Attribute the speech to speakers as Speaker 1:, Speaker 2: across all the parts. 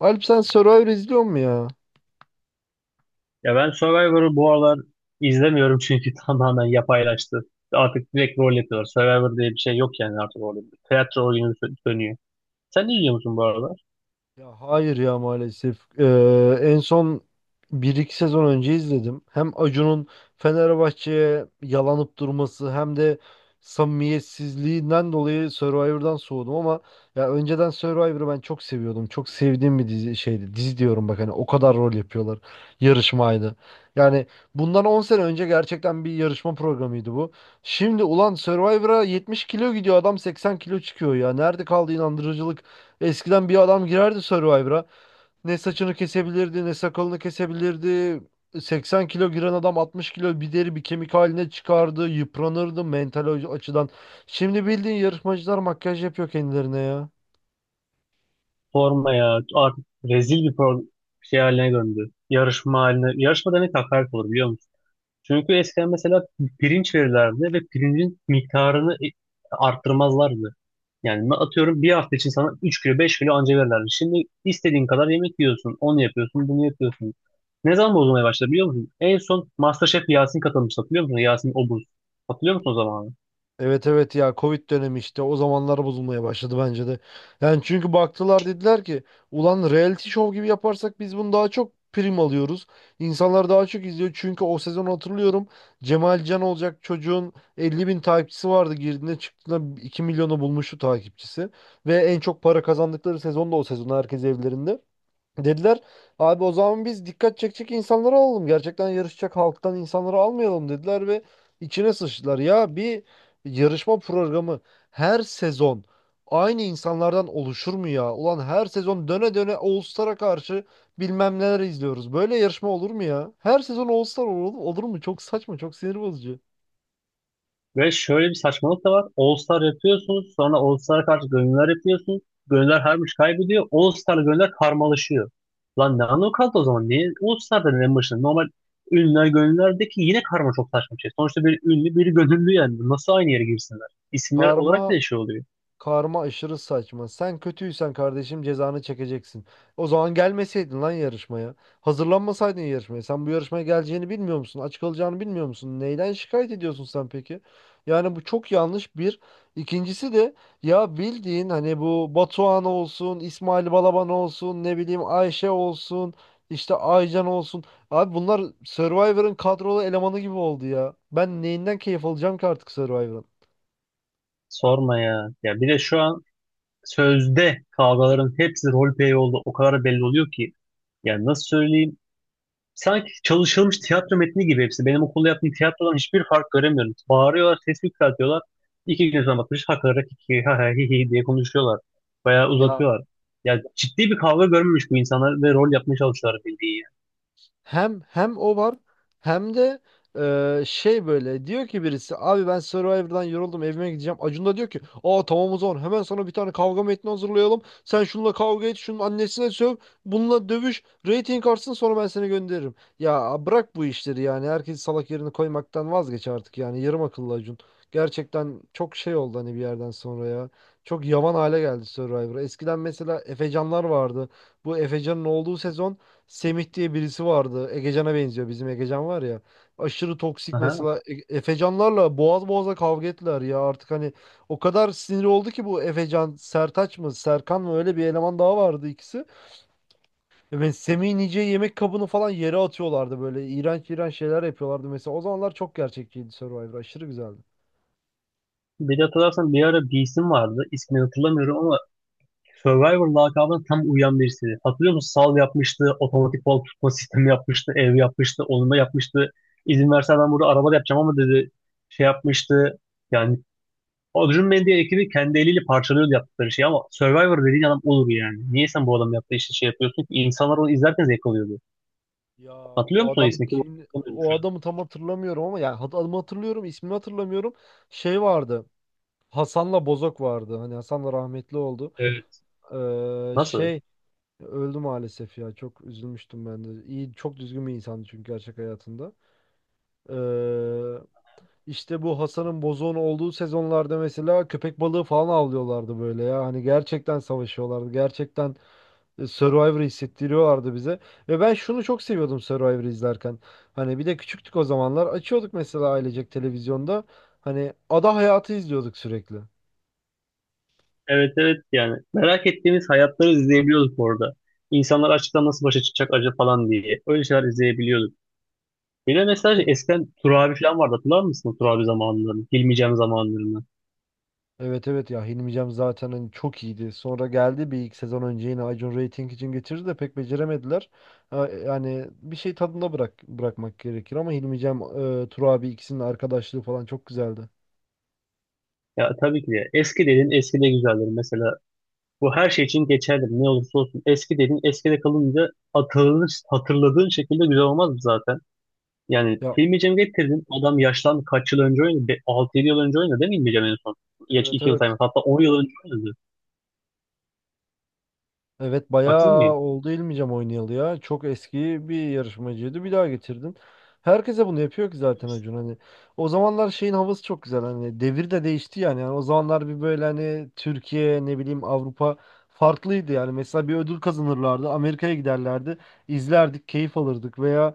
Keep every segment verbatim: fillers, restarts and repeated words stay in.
Speaker 1: Alp sen Survivor izliyor mu ya?
Speaker 2: Ya ben Survivor'ı bu aralar izlemiyorum çünkü tamamen yapaylaştı. Artık direkt rol yapıyorlar. Survivor diye bir şey yok yani artık orada. Tiyatro oyunu sö- dönüyor. Sen ne izliyor musun bu aralar?
Speaker 1: Ya hayır ya maalesef. Ee, en son bir iki sezon önce izledim. Hem Acun'un Fenerbahçe'ye yalanıp durması hem de samimiyetsizliğinden dolayı Survivor'dan soğudum ama ya önceden Survivor'ı ben çok seviyordum. Çok sevdiğim bir dizi şeydi. Dizi diyorum bak hani o kadar rol yapıyorlar. Yarışmaydı. Yani bundan on sene önce gerçekten bir yarışma programıydı bu. Şimdi ulan Survivor'a yetmiş kilo gidiyor adam seksen kilo çıkıyor ya. Nerede kaldı inandırıcılık? Eskiden bir adam girerdi Survivor'a. Ne saçını kesebilirdi, ne sakalını kesebilirdi. seksen kilo giren adam altmış kilo bir deri bir kemik haline çıkardı. Yıpranırdı mental açıdan. Şimdi bildiğin yarışmacılar makyaj yapıyor kendilerine ya.
Speaker 2: Forma ya artık rezil bir pro şey haline döndü. Yarışma haline. Yarışma demek hakaret olur biliyor musun? Çünkü eskiden mesela pirinç verirlerdi ve pirincin miktarını e- arttırmazlardı. Yani ben atıyorum bir hafta için sana üç kilo beş kilo anca verirlerdi. Şimdi istediğin kadar yemek yiyorsun. Onu yapıyorsun, bunu yapıyorsun. Ne zaman bozulmaya başladı biliyor musun? En son MasterChef Yasin katılmıştı hatırlıyor musun? Yasin Obuz. Hatırlıyor musun o zamanı?
Speaker 1: Evet, evet, ya Covid dönemi işte o zamanlar bozulmaya başladı bence de. Yani çünkü baktılar dediler ki ulan reality show gibi yaparsak biz bunu daha çok prim alıyoruz. İnsanlar daha çok izliyor çünkü o sezon hatırlıyorum Cemal Can olacak çocuğun elli bin takipçisi vardı girdiğinde çıktığında iki milyonu bulmuştu takipçisi. Ve en çok para kazandıkları sezon da o sezon herkes evlerinde. Dediler abi o zaman biz dikkat çekecek insanları alalım. Gerçekten yarışacak halktan insanları almayalım dediler ve içine sıçtılar. Ya bir yarışma programı her sezon aynı insanlardan oluşur mu ya? Ulan her sezon döne döne All Star'a karşı bilmem neler izliyoruz. Böyle yarışma olur mu ya? Her sezon All Star olur, olur mu? Çok saçma, çok sinir bozucu.
Speaker 2: Ve şöyle bir saçmalık da var. All Star yapıyorsunuz. Sonra All Star'a karşı gönüllüler yapıyorsunuz. Gönüllüler her maç kaybediyor. All Star'la gönüllüler karmalaşıyor. Lan ne anlamı kaldı o zaman? Niye All Star dedin en başında? Normal ünlüler gönüllülerdeki yine karma çok saçma bir şey. Sonuçta bir ünlü bir gönüllü yani. Nasıl aynı yere girsinler? İsimler olarak
Speaker 1: Karma
Speaker 2: bile şey oluyor.
Speaker 1: Karma aşırı saçma. Sen kötüysen kardeşim cezanı çekeceksin. O zaman gelmeseydin lan yarışmaya. Hazırlanmasaydın yarışmaya. Sen bu yarışmaya geleceğini bilmiyor musun? Aç kalacağını bilmiyor musun? Neyden şikayet ediyorsun sen peki? Yani bu çok yanlış bir. İkincisi de ya bildiğin hani bu Batuhan olsun, İsmail Balaban olsun, ne bileyim Ayşe olsun, işte Aycan olsun. Abi bunlar Survivor'ın kadrolu elemanı gibi oldu ya. Ben neyinden keyif alacağım ki artık Survivor'ın?
Speaker 2: Sorma ya. Ya bir de şu an sözde kavgaların hepsi roleplay oldu. O kadar belli oluyor ki. Yani nasıl söyleyeyim? Sanki çalışılmış tiyatro metni gibi hepsi. Benim okulda yaptığım tiyatrodan hiçbir fark göremiyorum. Bağırıyorlar, ses yükseltiyorlar. İki gün sonra bakmış hakarak iki ha ha hi hi diye konuşuyorlar. Bayağı
Speaker 1: Ya,
Speaker 2: uzatıyorlar. Ya ciddi bir kavga görmemiş bu insanlar ve rol yapmaya çalışıyorlar bildiği.
Speaker 1: Hem hem o var hem de e, şey böyle diyor ki birisi abi ben Survivor'dan yoruldum evime gideceğim. Acun da diyor ki aa tamam o zaman hemen sana bir tane kavga metni hazırlayalım. Sen şununla kavga et şunun annesine söv bununla dövüş rating artsın sonra ben seni gönderirim. Ya bırak bu işleri yani herkes salak yerini koymaktan vazgeç artık yani yarım akıllı Acun. Gerçekten çok şey oldu hani bir yerden sonra ya. Çok yavan hale geldi Survivor. Eskiden mesela Efecanlar vardı. Bu Efecan'ın olduğu sezon Semih diye birisi vardı. Egecan'a benziyor. Bizim Egecan var ya. Aşırı toksik
Speaker 2: Yani. Aha.
Speaker 1: mesela. E- Efecanlarla boğaz boğaza kavga ettiler ya. Artık hani o kadar sinir oldu ki bu Efecan, Sertaç mı, Serkan mı öyle bir eleman daha vardı ikisi. E ben Semih'in yiyeceği yemek kabını falan yere atıyorlardı böyle. İğrenç iğrenç şeyler yapıyorlardı mesela. O zamanlar çok gerçekçiydi Survivor. Aşırı güzeldi.
Speaker 2: Bir de hatırlarsan bir ara bir isim vardı. İsmini hatırlamıyorum ama Survivor lakabına tam uyan birisi. Hatırlıyor musun? Sal yapmıştı, otomatik bal tutma sistemi yapmıştı, ev yapmıştı, onunla yapmıştı. İzin verse ben burada araba da yapacağım ama dedi şey yapmıştı. Yani Adrian Mendy ekibi kendi eliyle parçalıyordu yaptıkları şeyi ama Survivor dediğin adam olur yani. Niye sen bu adamın yaptığı işte şey yapıyorsun ki? İnsanlar onu izlerken zevk alıyordu.
Speaker 1: Ya
Speaker 2: Hatırlıyor
Speaker 1: o
Speaker 2: musun o
Speaker 1: adam
Speaker 2: ismi? Kim
Speaker 1: kim?
Speaker 2: olduğunu
Speaker 1: O
Speaker 2: şu an.
Speaker 1: adamı tam hatırlamıyorum ama yani hat- adımı hatırlıyorum, ismini hatırlamıyorum. Şey vardı. Hasan'la Bozok vardı. Hani Hasan da rahmetli oldu.
Speaker 2: Evet.
Speaker 1: Eee,
Speaker 2: Nasıl?
Speaker 1: şey öldü maalesef ya. Çok üzülmüştüm ben de. İyi, çok düzgün bir insandı çünkü gerçek hayatında. Eee işte bu Hasan'ın bozuğun olduğu sezonlarda mesela köpek balığı falan avlıyorlardı böyle ya. Hani gerçekten savaşıyorlardı. Gerçekten e, Survivor hissettiriyorlardı bize. Ve ben şunu çok seviyordum Survivor izlerken. Hani bir de küçüktük o zamanlar. Açıyorduk mesela ailecek televizyonda. Hani ada hayatı izliyorduk sürekli.
Speaker 2: Evet evet yani. Merak ettiğimiz hayatları izleyebiliyorduk orada. İnsanlar açıktan nasıl başa çıkacak acaba falan diye. Öyle şeyler izleyebiliyorduk. Bir de mesela şey, eskiden Tur abi falan vardı. Hatırlar mısın o Tur abi zamanlarını? Hilmi zamanlarını.
Speaker 1: Evet, evet, ya Hilmi Cem zaten hani çok iyiydi. Sonra geldi bir iki sezon önce yine Acun Rating için getirdi de pek beceremediler. Ha, yani bir şey tadında bırak bırakmak gerekir ama Hilmi Cem, e, Tur abi ikisinin arkadaşlığı falan çok güzeldi.
Speaker 2: Ya tabii ki de. Eski dediğin eski de güzeldir. Mesela bu her şey için geçerli. Ne olursa olsun. Eski dediğin eskide kalınca hatırlanır, hatırladığın şekilde güzel olmaz mı zaten? Yani
Speaker 1: Ya,
Speaker 2: Hilmi Cem'i getirdin. Adam yaşlandı. Kaç yıl önce oynadı? altı yedi yıl önce oynadı değil mi Hilmi Cem en son? Geç
Speaker 1: evet,
Speaker 2: iki yıl
Speaker 1: evet.
Speaker 2: sayma. Hatta on yıl önce oynadı.
Speaker 1: Evet
Speaker 2: Haksız
Speaker 1: bayağı
Speaker 2: mıyım?
Speaker 1: oldu İlmicem oynayalı ya. Çok eski bir yarışmacıydı. Bir daha getirdin. Herkese bunu yapıyor ki zaten Acun hani. O zamanlar şeyin havası çok güzel hani. Devir de değişti yani. Yani o zamanlar bir böyle hani Türkiye ne bileyim Avrupa farklıydı yani. Mesela bir ödül kazanırlardı. Amerika'ya giderlerdi. İzlerdik, keyif alırdık veya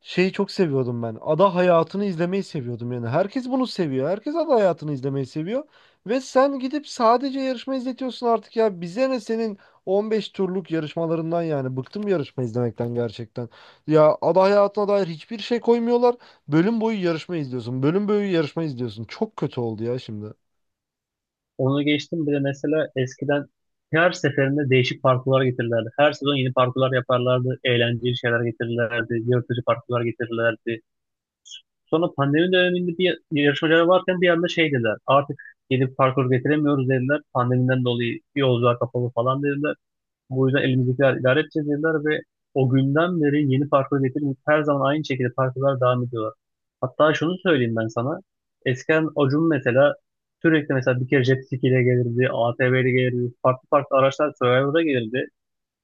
Speaker 1: şeyi çok seviyordum ben. Ada hayatını izlemeyi seviyordum yani. Herkes bunu seviyor. Herkes ada hayatını izlemeyi seviyor. Ve sen gidip sadece yarışma izletiyorsun artık ya. Bize ne senin on beş turluk yarışmalarından yani bıktım yarışma izlemekten gerçekten. Ya ada hayatına dair hiçbir şey koymuyorlar. Bölüm boyu yarışma izliyorsun. Bölüm boyu yarışma izliyorsun. Çok kötü oldu ya şimdi.
Speaker 2: Onu geçtim. Bir de mesela eskiden her seferinde değişik parkurlar getirirlerdi. Her sezon yeni parkurlar yaparlardı. Eğlenceli şeyler getirirlerdi. Yırtıcı parkurlar getirirlerdi. Sonra pandemi döneminde bir yarışmacılar varken bir anda şey dediler. Artık gelip parkur getiremiyoruz dediler. Pandemiden dolayı yolcular kapalı falan dediler. Bu yüzden elimizdekiler idare edeceğiz dediler ve o günden beri yeni parkur getirmeyip her zaman aynı şekilde parkurlar devam ediyorlar. Hatta şunu söyleyeyim ben sana. Eskiden Acun mesela sürekli mesela bir kere jet ski ile gelirdi, A T V ile gelirdi, farklı farklı araçlar Survivor'a gelirdi.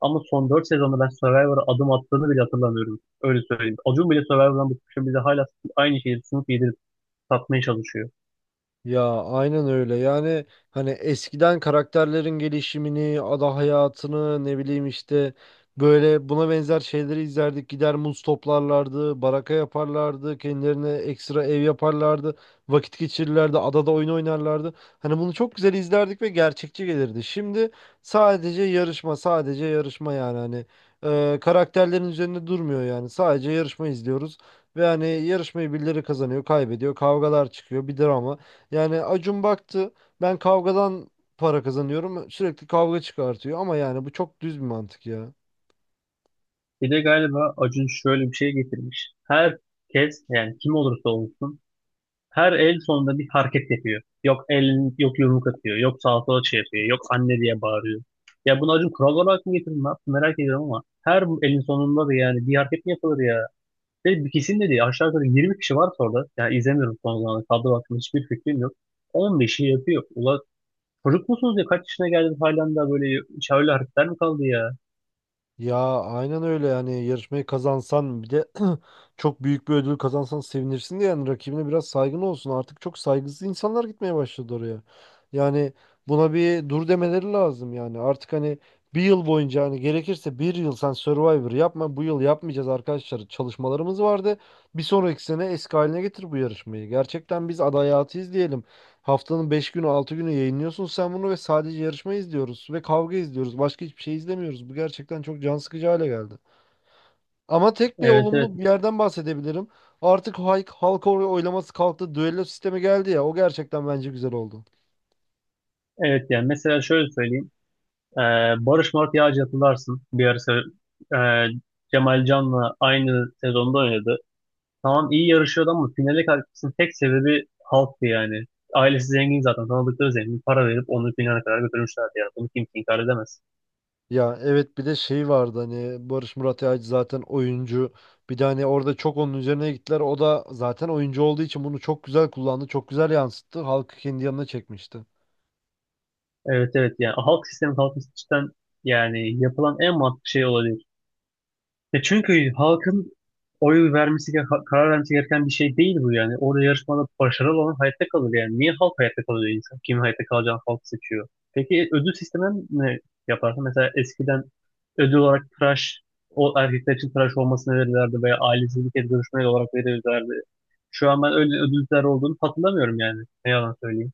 Speaker 2: Ama son dört sezonda ben Survivor'a adım attığını bile hatırlamıyorum. Öyle söyleyeyim. Acun bile Survivor'dan bıkmışım. Bize hala aynı şeyi sunup yedirip satmaya çalışıyor.
Speaker 1: Ya aynen öyle. Yani hani eskiden karakterlerin gelişimini, ada hayatını, ne bileyim işte böyle buna benzer şeyleri izlerdik. Gider muz toplarlardı, baraka yaparlardı, kendilerine ekstra ev yaparlardı, vakit geçirirlerdi, adada oyun oynarlardı. Hani bunu çok güzel izlerdik ve gerçekçi gelirdi. Şimdi sadece yarışma, sadece yarışma yani hani e, karakterlerin üzerinde durmuyor yani. Sadece yarışma izliyoruz ve hani yarışmayı birileri kazanıyor, kaybediyor, kavgalar çıkıyor, bir drama. Yani Acun baktı ben kavgadan para kazanıyorum sürekli kavga çıkartıyor ama yani bu çok düz bir mantık ya.
Speaker 2: Bir de galiba Acun şöyle bir şey getirmiş. Herkes yani kim olursa olsun her el sonunda bir hareket yapıyor. Yok elini, yok yumruk atıyor. Yok sağa sola şey yapıyor. Yok anne diye bağırıyor. Ya bunu Acun kural olarak mı getirdi? Ne yaptı? Merak ediyorum ama her elin sonunda da yani bir hareket mi yapılır ya? Ve bir kesin de değil. Aşağı yukarı yirmi kişi var orada. Yani izlemiyorum son zamanlarda. Kadro hakkında hiçbir fikrim yok. on beşi yapıyor. Ula çocuk musunuz ya? Kaç yaşına geldiniz halen daha böyle şöyle hareketler mi kaldı ya?
Speaker 1: Ya aynen öyle yani yarışmayı kazansan bir de çok büyük bir ödül kazansan sevinirsin de yani rakibine biraz saygın olsun. Artık çok saygısız insanlar gitmeye başladı oraya. Yani buna bir dur demeleri lazım yani. Artık hani bir yıl boyunca hani gerekirse bir yıl sen Survivor yapma bu yıl yapmayacağız arkadaşlar. Çalışmalarımız vardı. Bir sonraki sene eski haline getir bu yarışmayı. Gerçekten biz aday hayatı izleyelim. Haftanın beş günü altı günü yayınlıyorsun sen bunu ve sadece yarışma izliyoruz ve kavga izliyoruz. Başka hiçbir şey izlemiyoruz. Bu gerçekten çok can sıkıcı hale geldi. Ama tek bir
Speaker 2: Evet evet.
Speaker 1: olumlu bir yerden bahsedebilirim. Artık halk, halk oy- oylaması kalktı. Düello sistemi geldi ya. O gerçekten bence güzel oldu.
Speaker 2: Evet yani mesela şöyle söyleyeyim. Ee, Barış Mart Yağcı hatırlarsın. Bir ara se- e, Cemal Can'la aynı sezonda oynadı. Tamam iyi yarışıyordu ama finale kalkmasının tek sebebi halktı yani. Ailesi zengin zaten. Tanıdıkları zengin. Para verip onu finale kadar götürmüşlerdi yani. Bunu kimse inkar edemez.
Speaker 1: Ya evet bir de şey vardı hani Barış Murat Yağcı zaten oyuncu. Bir de hani orada çok onun üzerine gittiler. O da zaten oyuncu olduğu için bunu çok güzel kullandı. Çok güzel yansıttı. Halkı kendi yanına çekmişti.
Speaker 2: Evet evet yani halk sistemi halk sistemden yani yapılan en mantıklı şey olabilir. Ya çünkü halkın oy vermesi gereken- karar vermesi gereken bir şey değil bu yani. Orada yarışmada başarılı olan hayatta kalır yani. Niye halk hayatta kalıyor insan? Kim hayatta kalacağını halk seçiyor. Peki ödül sisteminden ne yaparsın? Mesela eskiden ödül olarak tıraş, o erkekler için tıraş olmasını verirlerdi veya ailesi bir kez olarak verirlerdi. Şu an ben öyle ödüller olduğunu hatırlamıyorum yani. Ne yalan söyleyeyim.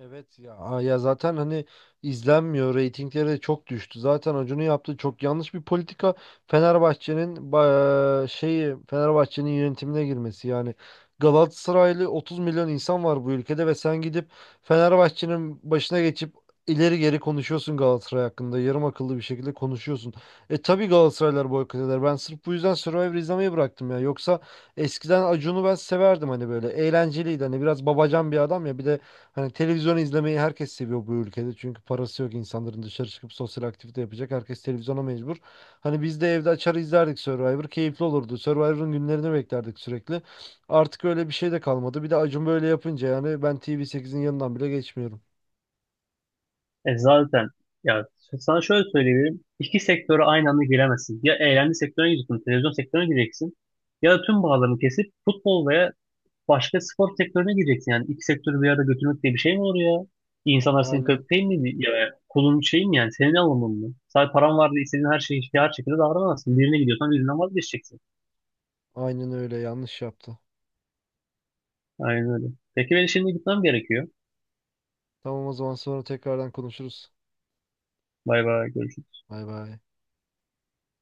Speaker 1: Evet ya. Aa, ya zaten hani izlenmiyor. Reytingleri de çok düştü. Zaten Acun'un yaptığı çok yanlış bir politika. Fenerbahçe'nin ba- şeyi Fenerbahçe'nin yönetimine girmesi yani. Galatasaraylı otuz milyon insan var bu ülkede ve sen gidip Fenerbahçe'nin başına geçip ileri geri konuşuyorsun Galatasaray hakkında. Yarım akıllı bir şekilde konuşuyorsun. E tabii Galatasaraylar boykot eder. Ben sırf bu yüzden Survivor izlemeyi bıraktım ya. Yoksa eskiden Acun'u ben severdim hani böyle. Eğlenceliydi. Hani biraz babacan bir adam ya. Bir de hani televizyon izlemeyi herkes seviyor bu ülkede. Çünkü parası yok insanların dışarı çıkıp sosyal aktivite yapacak. Herkes televizyona mecbur. Hani biz de evde açar izlerdik Survivor. Keyifli olurdu. Survivor'ın günlerini beklerdik sürekli. Artık öyle bir şey de kalmadı. Bir de Acun böyle yapınca yani ben T V sekizin yanından bile geçmiyorum.
Speaker 2: E zaten ya sana şöyle söyleyebilirim. İki sektöre aynı anda giremezsin. Ya eğlence sektörüne gireceksin, televizyon sektörüne gireceksin. Ya da tüm bağlarını kesip futbol veya başka spor sektörüne gireceksin. Yani iki sektörü bir arada götürmek diye bir şey mi olur ya? İnsanlar senin
Speaker 1: Aynen,
Speaker 2: köpeğin mi? Ya, kulun şey mi yani? Senin alımın mı? Sadece paran var diye istediğin her şeyi her şekilde davranamazsın. Birine gidiyorsan birinden vazgeçeceksin.
Speaker 1: aynen öyle yanlış yaptı.
Speaker 2: Aynen öyle. Peki ben şimdi gitmem gerekiyor.
Speaker 1: Tamam o zaman sonra tekrardan konuşuruz.
Speaker 2: Bay bay. Görüşürüz.
Speaker 1: Bay bay.